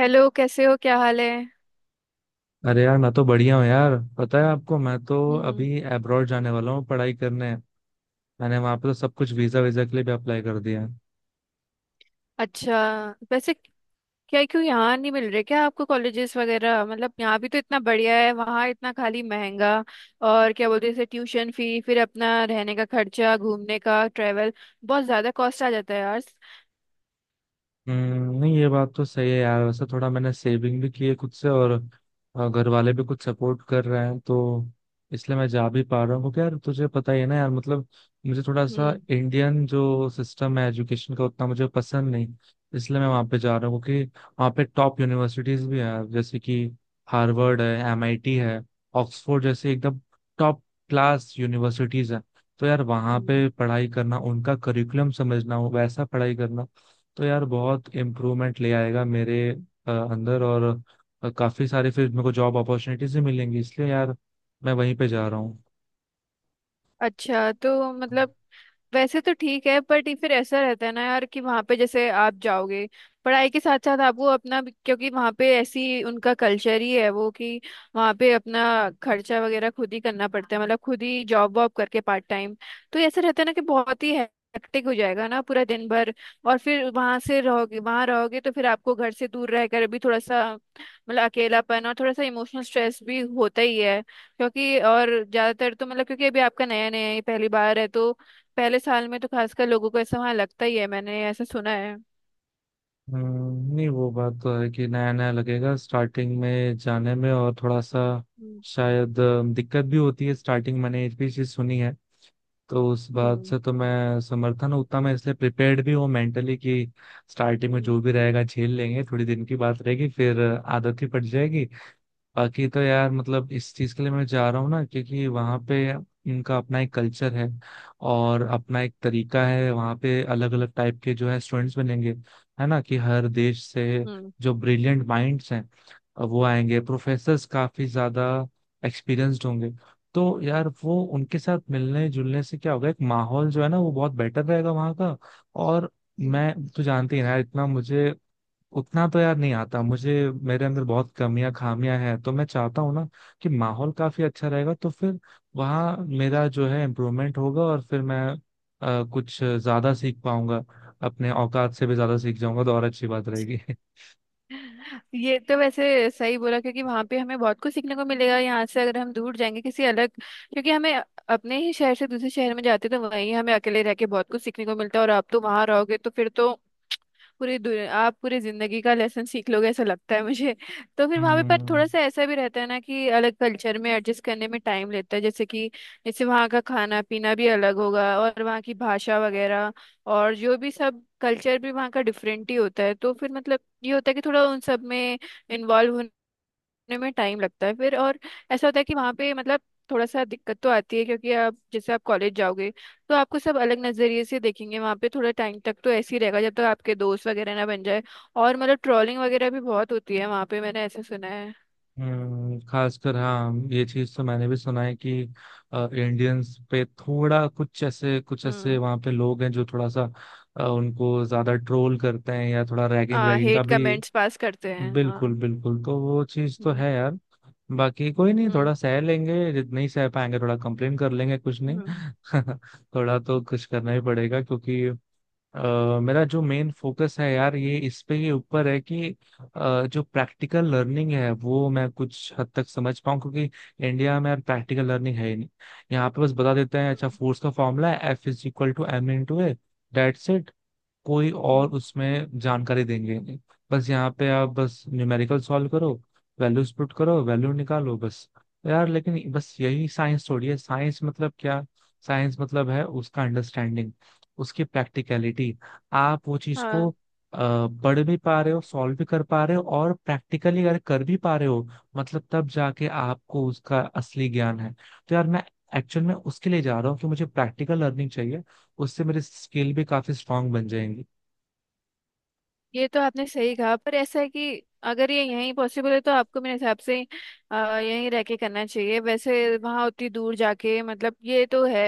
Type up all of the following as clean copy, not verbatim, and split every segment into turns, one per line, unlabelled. Hello, कैसे हो? क्या हाल है?
अरे यार, मैं तो बढ़िया हूँ यार। पता है आपको, मैं तो
हम्म।
अभी अब्रॉड जाने वाला हूँ पढ़ाई करने। मैंने वहां पे तो सब कुछ वीजा वीजा के लिए भी अप्लाई कर दिया है।
अच्छा। वैसे क्या क्यों यहाँ नहीं मिल रहे क्या आपको कॉलेजेस वगैरह? मतलब यहाँ भी तो इतना बढ़िया है, वहाँ इतना खाली महंगा। और क्या बोलते हैं, जैसे ट्यूशन फी, फिर अपना रहने का खर्चा, घूमने का ट्रेवल, बहुत ज़्यादा कॉस्ट आ जाता है यार।
नहीं ये बात तो सही है यार। वैसे थोड़ा मैंने सेविंग भी की है खुद से, और घर वाले भी कुछ सपोर्ट कर रहे हैं। तो इसलिए मैं जा भी पा रहा हूँ क्योंकि यार तुझे पता ही है ना यार, मतलब मुझे थोड़ा सा
हम्म।
इंडियन जो सिस्टम है एजुकेशन का, उतना मुझे पसंद नहीं। इसलिए मैं वहाँ पे जा रहा हूँ क्योंकि वहाँ पे टॉप यूनिवर्सिटीज भी हैं, जैसे कि हार्वर्ड है, एमआईटी है, ऑक्सफोर्ड, जैसे एकदम टॉप क्लास यूनिवर्सिटीज हैं। तो यार वहाँ
हम्म।
पे पढ़ाई करना, उनका करिकुलम समझना, वैसा पढ़ाई करना तो यार बहुत इम्प्रूवमेंट ले आएगा मेरे अंदर। और काफी सारे फिर मेरे को जॉब अपॉर्चुनिटीज भी मिलेंगी, इसलिए यार मैं वहीं पे जा रहा हूँ।
अच्छा तो मतलब, वैसे तो ठीक है, बट ये फिर ऐसा रहता है ना यार कि वहाँ पे जैसे आप जाओगे, पढ़ाई के साथ साथ आपको अपना क्योंकि वहाँ पे ऐसी उनका कल्चर ही है वो, कि वहाँ पे अपना खर्चा वगैरह खुद ही करना पड़ता है, मतलब खुद ही जॉब वॉब करके पार्ट टाइम। तो ऐसा रहता है ना कि बहुत ही हेक्टिक हो जाएगा ना पूरा दिन भर। और फिर वहाँ रहोगे तो फिर आपको घर से दूर रहकर भी थोड़ा सा मतलब अकेलापन और थोड़ा सा इमोशनल स्ट्रेस भी होता ही है, क्योंकि और ज्यादातर तो मतलब क्योंकि अभी आपका नया नया है, पहली बार है, तो पहले साल में तो खासकर लोगों को ऐसा वहां लगता ही है, मैंने ऐसा सुना है।
नहीं वो बात तो है कि नया नया लगेगा स्टार्टिंग में जाने में, और थोड़ा सा
हम्म,
शायद दिक्कत भी होती है स्टार्टिंग। मैंने एक भी चीज सुनी है, तो उस बात
हम्म,
से तो मैं समर्थन हूँ। उतना मैं इसलिए प्रिपेयर्ड भी हूँ मेंटली, कि स्टार्टिंग में
हम्म,
जो भी रहेगा झेल लेंगे, थोड़ी दिन की बात रहेगी, फिर आदत ही पड़ जाएगी। बाकी तो यार मतलब इस चीज के लिए मैं जा रहा हूँ ना, क्योंकि वहाँ पे इनका अपना एक कल्चर है और अपना एक तरीका है। वहाँ पे अलग अलग टाइप के जो है स्टूडेंट्स बनेंगे, है ना, कि हर देश से
हम्म,
जो ब्रिलियंट माइंड्स हैं वो आएंगे। प्रोफेसर्स काफी ज्यादा एक्सपीरियंस्ड होंगे। तो यार वो उनके साथ मिलने जुलने से क्या होगा, एक माहौल जो है ना, वो बहुत बेटर रहेगा वहाँ का। और
हम्म।
मैं तो जानते ही ना यार, इतना मुझे उतना तो यार नहीं आता। मुझे मेरे अंदर बहुत कमियां खामियां हैं, तो मैं चाहता हूँ ना कि माहौल काफी अच्छा रहेगा, तो फिर वहाँ मेरा जो है इम्प्रूवमेंट होगा और फिर मैं कुछ ज्यादा सीख पाऊंगा, अपने औकात से भी ज्यादा सीख जाऊंगा, तो और अच्छी बात रहेगी।
ये तो वैसे सही बोला, क्योंकि वहां पे हमें बहुत कुछ सीखने को मिलेगा, यहाँ से अगर हम दूर जाएंगे किसी अलग, क्योंकि हमें अपने ही शहर से दूसरे शहर में जाते तो वहीं हमें अकेले रह के बहुत कुछ सीखने को मिलता है, और आप तो वहां रहोगे तो फिर तो पूरी दुनिया, आप पूरी जिंदगी का लेसन सीख लोगे, ऐसा लगता है मुझे। तो फिर वहां पे पर थोड़ा
हम्म।
सा ऐसा भी रहता है ना कि अलग कल्चर में एडजस्ट करने में टाइम लेता है, जैसे कि, जैसे वहाँ का खाना पीना भी अलग होगा, और वहाँ की भाषा वगैरह और जो भी सब कल्चर भी वहाँ का डिफरेंट ही होता है, तो फिर मतलब ये होता है कि थोड़ा उन सब में इन्वॉल्व करने में टाइम लगता है फिर, और ऐसा होता है कि वहाँ पे मतलब थोड़ा सा दिक्कत तो आती है क्योंकि आप जैसे आप कॉलेज जाओगे तो आपको सब अलग नज़रिए से देखेंगे वहाँ पे, थोड़ा टाइम तक तो ऐसे ही रहेगा जब तक आपके दोस्त वगैरह ना बन जाए। और मतलब ट्रोलिंग वगैरह भी बहुत होती है वहाँ पे, मैंने ऐसा सुना है।
खासकर हाँ ये चीज तो मैंने भी सुना है कि इंडियंस पे थोड़ा कुछ ऐसे
हम्म।
वहाँ पे लोग हैं जो थोड़ा सा उनको ज्यादा ट्रोल करते हैं या थोड़ा रैगिंग
हाँ,
वैगिंग का
हेट
भी।
कमेंट्स पास करते हैं,
बिल्कुल
हाँ।
बिल्कुल, तो वो चीज तो
हम्म,
है यार। बाकी कोई नहीं,
हम्म,
थोड़ा सह लेंगे जितना ही सह पाएंगे, थोड़ा कंप्लेन कर लेंगे, कुछ नहीं।
हम्म,
थोड़ा तो कुछ करना ही पड़ेगा क्योंकि मेरा जो मेन फोकस है यार, ये इस पे ही ऊपर है कि जो प्रैक्टिकल लर्निंग है वो मैं कुछ हद तक समझ पाऊँ। क्योंकि इंडिया में यार प्रैक्टिकल लर्निंग है ही नहीं। यहाँ पे बस बता देते हैं, अच्छा
हम्म,
फोर्स का फॉर्मूला है F is equal to M in to A, that's it. कोई और
हम्म,
उसमें जानकारी देंगे नहीं। बस यहाँ पे आप बस न्यूमेरिकल सॉल्व करो, वैल्यूज पुट करो, वैल्यू निकालो, बस। यार लेकिन बस यही साइंस थोड़ी है। साइंस मतलब क्या, साइंस मतलब है उसका अंडरस्टैंडिंग, उसकी प्रैक्टिकलिटी। आप वो चीज को
हाँ।
पढ़ भी पा रहे हो, सॉल्व भी कर पा रहे हो, और प्रैक्टिकली अगर कर भी पा रहे हो, मतलब तब जाके आपको उसका असली ज्ञान है। तो यार मैं एक्चुअल में उसके लिए जा रहा हूँ कि मुझे प्रैक्टिकल लर्निंग चाहिए, उससे मेरी स्किल भी काफी स्ट्रांग बन जाएंगी।
ये तो आपने सही कहा, पर ऐसा है कि अगर ये यहीं पॉसिबल है तो आपको मेरे हिसाब से यहीं रह के करना चाहिए, वैसे वहाँ उतनी दूर जाके मतलब, ये तो है।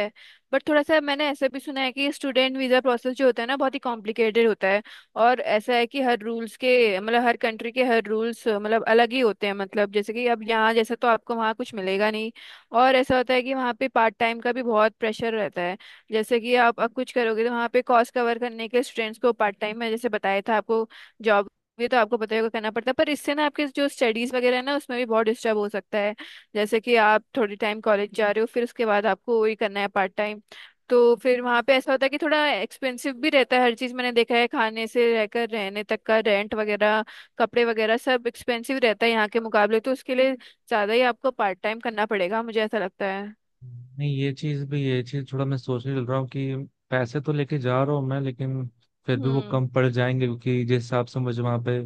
बट थोड़ा सा मैंने ऐसा भी सुना है कि स्टूडेंट वीज़ा प्रोसेस जो होता है ना, बहुत ही कॉम्प्लिकेटेड होता है। और ऐसा है कि हर रूल्स के, मतलब हर कंट्री के हर रूल्स मतलब अलग ही होते हैं, मतलब जैसे कि अब यहाँ जैसा तो आपको वहाँ कुछ मिलेगा नहीं। और ऐसा होता है कि वहाँ पे पार्ट टाइम का भी बहुत प्रेशर रहता है। जैसे कि आप अब कुछ करोगे तो वहाँ पे कॉस्ट कवर करने के, स्टूडेंट्स को पार्ट टाइम में जैसे बताया था आपको, जॉब भी तो आपको पता ही होगा करना पड़ता है, पर इससे ना आपके जो स्टडीज वगैरह है ना उसमें भी बहुत डिस्टर्ब हो सकता है। जैसे कि आप थोड़ी टाइम कॉलेज जा रहे हो, फिर उसके बाद आपको वही करना है पार्ट टाइम। तो फिर वहाँ पे ऐसा होता है कि थोड़ा एक्सपेंसिव भी रहता है हर चीज़, मैंने देखा है खाने से रहकर रहने तक का रेंट वगैरह, कपड़े वगैरह सब एक्सपेंसिव रहता है यहाँ के मुकाबले, तो उसके लिए ज़्यादा ही आपको पार्ट टाइम करना पड़ेगा मुझे ऐसा लगता है।
नहीं ये चीज थोड़ा मैं सोचने लग रहा हूँ कि पैसे तो लेके जा रहा हूँ मैं, लेकिन फिर भी वो
हम्म,
कम पड़ जाएंगे क्योंकि जिस हिसाब से मुझे वहां पे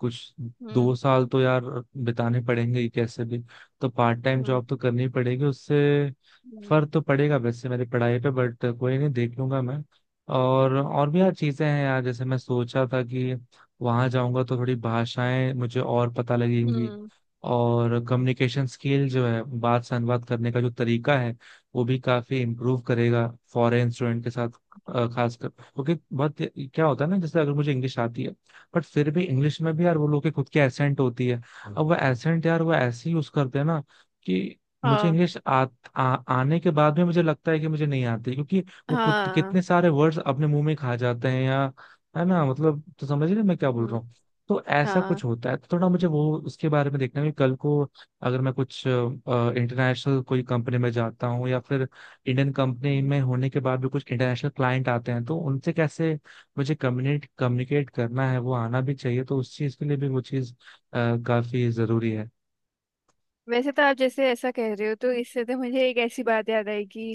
कुछ,
हम्म,
2 साल तो यार बिताने पड़ेंगे ही कैसे भी। तो पार्ट टाइम
हम्म,
जॉब तो करनी पड़ेगी, उससे
हम्म,
फर्क तो पड़ेगा वैसे मेरी पढ़ाई पे, बट कोई नहीं, देख लूंगा मैं। और भी यार चीजें हैं यार, जैसे मैं सोचा था कि वहां जाऊंगा तो थोड़ी भाषाएं मुझे और पता लगेंगी,
हम्म,
और कम्युनिकेशन स्किल जो है, बात से अनुवाद करने का जो तरीका है, वो भी काफी इम्प्रूव करेगा फॉरेन स्टूडेंट के साथ। खासकर क्योंकि बहुत क्या होता है ना, जैसे अगर मुझे इंग्लिश आती है, बट फिर भी इंग्लिश में भी यार वो लोग के खुद की एसेंट होती है। अब वो एसेंट यार वो ऐसे यूज करते हैं ना, कि मुझे
हाँ,
इंग्लिश आ, आ, आने के बाद में मुझे लगता है कि मुझे नहीं आती, क्योंकि वो खुद कितने
हाँ,
सारे वर्ड्स अपने मुंह में खा जाते हैं। या, है ना, मतलब तो समझ रहे हैं मैं क्या बोल रहा
हम्म,
हूँ। तो ऐसा
हाँ,
कुछ होता है, तो थोड़ा मुझे वो उसके बारे में देखना है कि कल को अगर मैं कुछ इंटरनेशनल कोई कंपनी में जाता हूँ या फिर इंडियन कंपनी
हम्म।
में होने के बाद भी कुछ इंटरनेशनल क्लाइंट आते हैं, तो उनसे कैसे मुझे कम्युनिकेट कम्युनिकेट करना है, वो आना भी चाहिए। तो उस चीज़ के लिए भी वो चीज़ काफी जरूरी है।
वैसे तो आप जैसे ऐसा कह रहे हो, तो इससे तो मुझे एक ऐसी बात याद आई कि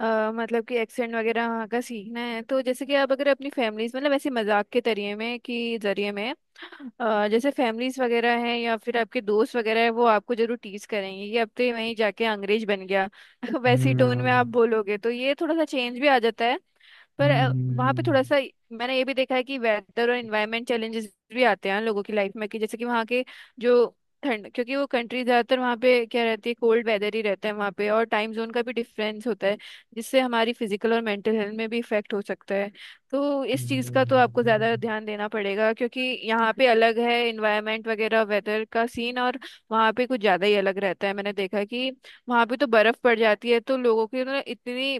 मतलब कि एक्सेंट वगैरह वहाँ का सीखना है, तो जैसे कि आप अगर अपनी फैमिलीज, मतलब ऐसे मजाक के तरीके में कि जरिए में, जैसे फैमिलीज वगैरह है या फिर आपके दोस्त वगैरह है, वो आपको जरूर टीज करेंगे कि अब तो ये वहीं जाके अंग्रेज बन गया, वैसी टोन में
हम्म।
आप बोलोगे तो ये थोड़ा सा चेंज भी आ जाता है। पर वहाँ पे थोड़ा
हम्म।
सा, मैंने ये भी देखा है कि वेदर और इन्वायरमेंट चैलेंजेस भी आते हैं लोगों की लाइफ में, कि जैसे कि वहाँ के जो ठंड, क्योंकि वो कंट्री ज्यादातर वहाँ पे क्या रहती है, कोल्ड वेदर ही रहता है वहाँ पे, और टाइम जोन का भी डिफरेंस होता है जिससे हमारी फिजिकल और मेंटल हेल्थ में भी इफेक्ट हो सकता है। तो इस चीज़ का
हम्म,
तो आपको
हम्म,
ज़्यादा ध्यान देना पड़ेगा, क्योंकि यहाँ पे अलग है इन्वायरमेंट वगैरह, वेदर का सीन, और वहाँ पे कुछ ज़्यादा ही अलग रहता है, मैंने देखा कि वहाँ पे तो बर्फ़ पड़ जाती है तो लोगों की ना, इतनी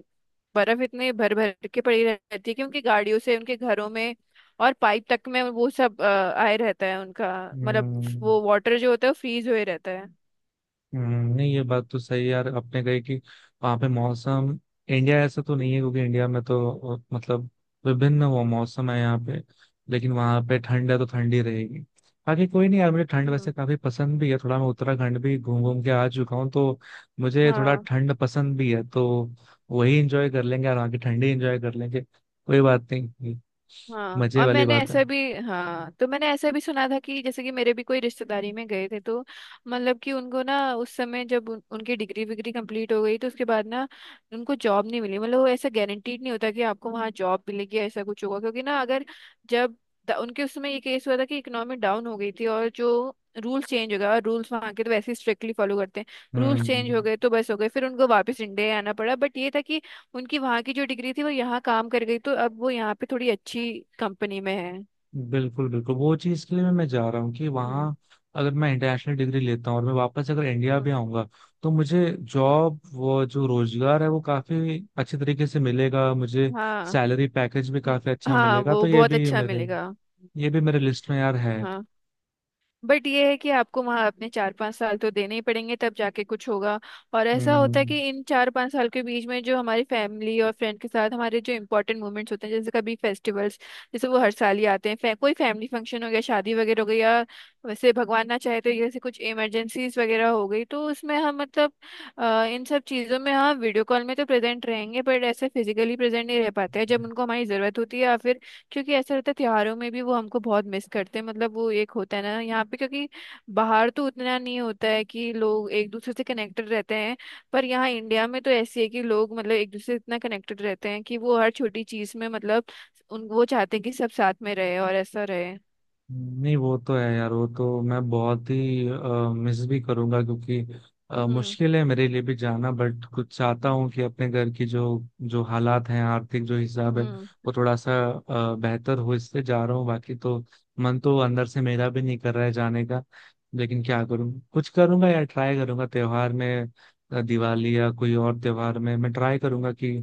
बर्फ़ इतनी भर भर के पड़ी रहती है कि उनकी गाड़ियों से, उनके घरों में और पाइप तक में वो सब आए रहता है उनका,
हम्म,
मतलब
हम्म।
वो वाटर जो होता है वो फ्रीज हुए रहता है।
नहीं ये बात तो सही है यार आपने कही कि वहाँ पे मौसम, इंडिया ऐसा तो नहीं है क्योंकि इंडिया में तो मतलब विभिन्न वो मौसम है यहाँ पे। लेकिन वहाँ पे ठंड है तो ठंडी रहेगी। बाकी कोई नहीं यार, मुझे ठंड वैसे
हम्म,
काफी पसंद भी है, थोड़ा मैं उत्तराखंड भी घूम
हम्म,
घूम के आ चुका हूँ, तो मुझे थोड़ा
हाँ।
ठंड पसंद भी है। तो वही इंजॉय कर लेंगे, और वहाँ की ठंडी इंजॉय कर लेंगे, कोई बात नहीं,
हाँ,
मजे
और
वाली
मैंने
बात है।
ऐसा भी, हाँ तो मैंने ऐसा भी सुना था कि जैसे कि मेरे भी कोई रिश्तेदारी में गए थे तो, मतलब कि उनको ना उस समय जब उनकी डिग्री विग्री कंप्लीट हो गई तो उसके बाद ना उनको जॉब नहीं मिली, मतलब वो ऐसा गारंटीड नहीं होता कि आपको वहाँ जॉब मिलेगी, ऐसा कुछ होगा, क्योंकि ना, अगर जब उनके उस समय ये केस हुआ था कि इकोनॉमी डाउन हो गई थी और जो रूल चेंज हो गया, और रूल्स वहाँ के तो वैसे ही स्ट्रिक्टली फॉलो करते हैं, रूल्स चेंज
हम्म।
हो गए तो बस हो गए, फिर उनको वापस इंडिया आना पड़ा। बट ये था कि उनकी वहां की जो डिग्री थी वो यहाँ काम कर गई, तो अब वो यहाँ पे थोड़ी अच्छी कंपनी में है।
बिल्कुल बिल्कुल, वो चीज के लिए मैं जा रहा हूँ कि
हम्म।
वहाँ अगर मैं इंटरनेशनल डिग्री लेता हूँ और मैं वापस अगर इंडिया
हम्म।
भी आऊंगा, तो मुझे जॉब, वो जो रोजगार है, वो काफी अच्छे तरीके से मिलेगा मुझे।
हाँ।
सैलरी पैकेज भी
म-
काफी अच्छा
हाँ,
मिलेगा,
वो
तो ये
बहुत
भी
अच्छा
मेरे,
मिलेगा।
ये भी मेरे लिस्ट में यार है।
हाँ, बट ये है कि आपको वहाँ अपने 4-5 साल तो देने ही पड़ेंगे, तब जाके कुछ होगा। और ऐसा होता है
हम्म।
कि इन 4-5 साल के बीच में जो हमारी फैमिली और फ्रेंड के साथ हमारे जो इंपॉर्टेंट मोमेंट्स होते हैं जैसे कभी फेस्टिवल्स, जैसे वो हर साल ही आते हैं, कोई फैमिली फंक्शन हो गया, शादी वगैरह हो गई, या वैसे भगवान ना चाहे तो जैसे कुछ इमरजेंसीज वगैरह हो गई, तो उसमें हम मतलब इन सब चीज़ों में, हाँ वीडियो कॉल में तो प्रेजेंट रहेंगे बट ऐसे फिजिकली प्रेजेंट नहीं रह पाते हैं जब उनको हमारी ज़रूरत होती है, या फिर क्योंकि ऐसा रहता है त्योहारों में भी वो हमको बहुत मिस करते हैं, मतलब वो एक होता है ना यहाँ पे, क्योंकि बाहर तो उतना नहीं होता है कि लोग एक दूसरे से कनेक्टेड रहते हैं, पर यहाँ इंडिया में तो ऐसी है कि लोग मतलब एक दूसरे से इतना कनेक्टेड रहते हैं कि वो हर छोटी चीज में मतलब उन वो चाहते हैं कि सब साथ में रहे और ऐसा रहे।
नहीं वो तो है यार, वो तो मैं बहुत ही मिस भी करूंगा क्योंकि
हम्म,
मुश्किल है मेरे लिए भी जाना, बट कुछ चाहता हूँ कि अपने घर की जो जो हालात हैं आर्थिक, जो हिसाब है,
हम्म,
वो थोड़ा सा बेहतर हो, इससे जा रहा हूँ। बाकी तो मन तो अंदर से मेरा भी नहीं कर रहा है जाने का। लेकिन क्या करूँ, कुछ करूंगा यार, ट्राई करूंगा त्योहार में। दिवाली या कोई और त्योहार में मैं ट्राई करूंगा कि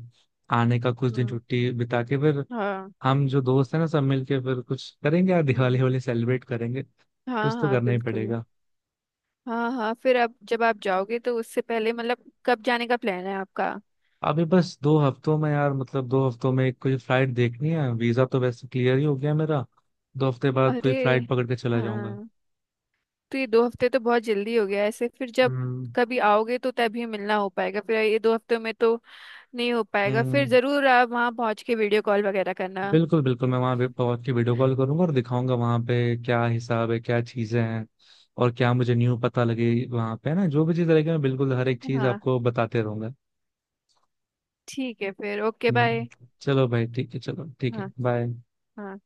आने का, कुछ दिन
हम्म,
छुट्टी बिता के, फिर
हाँ,
हम जो दोस्त हैं ना सब मिलके फिर कुछ करेंगे यार,
हम्म,
दिवाली वाली सेलिब्रेट करेंगे,
हाँ,
कुछ तो
हाँ,
करना ही
बिल्कुल,
पड़ेगा।
हाँ, हाँ। फिर आप जब आप जाओगे तो उससे पहले मतलब कब जाने का प्लान है आपका?
अभी बस 2 हफ्तों में यार, मतलब 2 हफ्तों में कोई फ्लाइट देखनी है, वीजा तो वैसे क्लियर ही हो गया मेरा। 2 हफ्ते बाद कोई
अरे,
फ्लाइट पकड़ के चला जाऊंगा।
हाँ, तो ये 2 हफ्ते तो बहुत जल्दी हो गया, ऐसे फिर जब
हम्म।
कभी आओगे तो तभी मिलना हो पाएगा, फिर ये 2 हफ्तों में तो नहीं हो पाएगा, फिर
हम्म,
जरूर आप वहाँ पहुँच के वीडियो कॉल वगैरह करना।
बिल्कुल बिल्कुल, मैं वहां पे पहुंच के वीडियो कॉल करूंगा और दिखाऊंगा वहां पे क्या हिसाब है, क्या चीजें हैं और क्या मुझे न्यू पता लगे वहां पे। है ना, जो भी चीज रहेगी मैं बिल्कुल हर एक चीज
हाँ,
आपको बताते रहूंगा।
ठीक है, फिर ओके बाय।
हम्म। चलो भाई, ठीक है, चलो ठीक है,
हाँ,
बाय।
हाँ।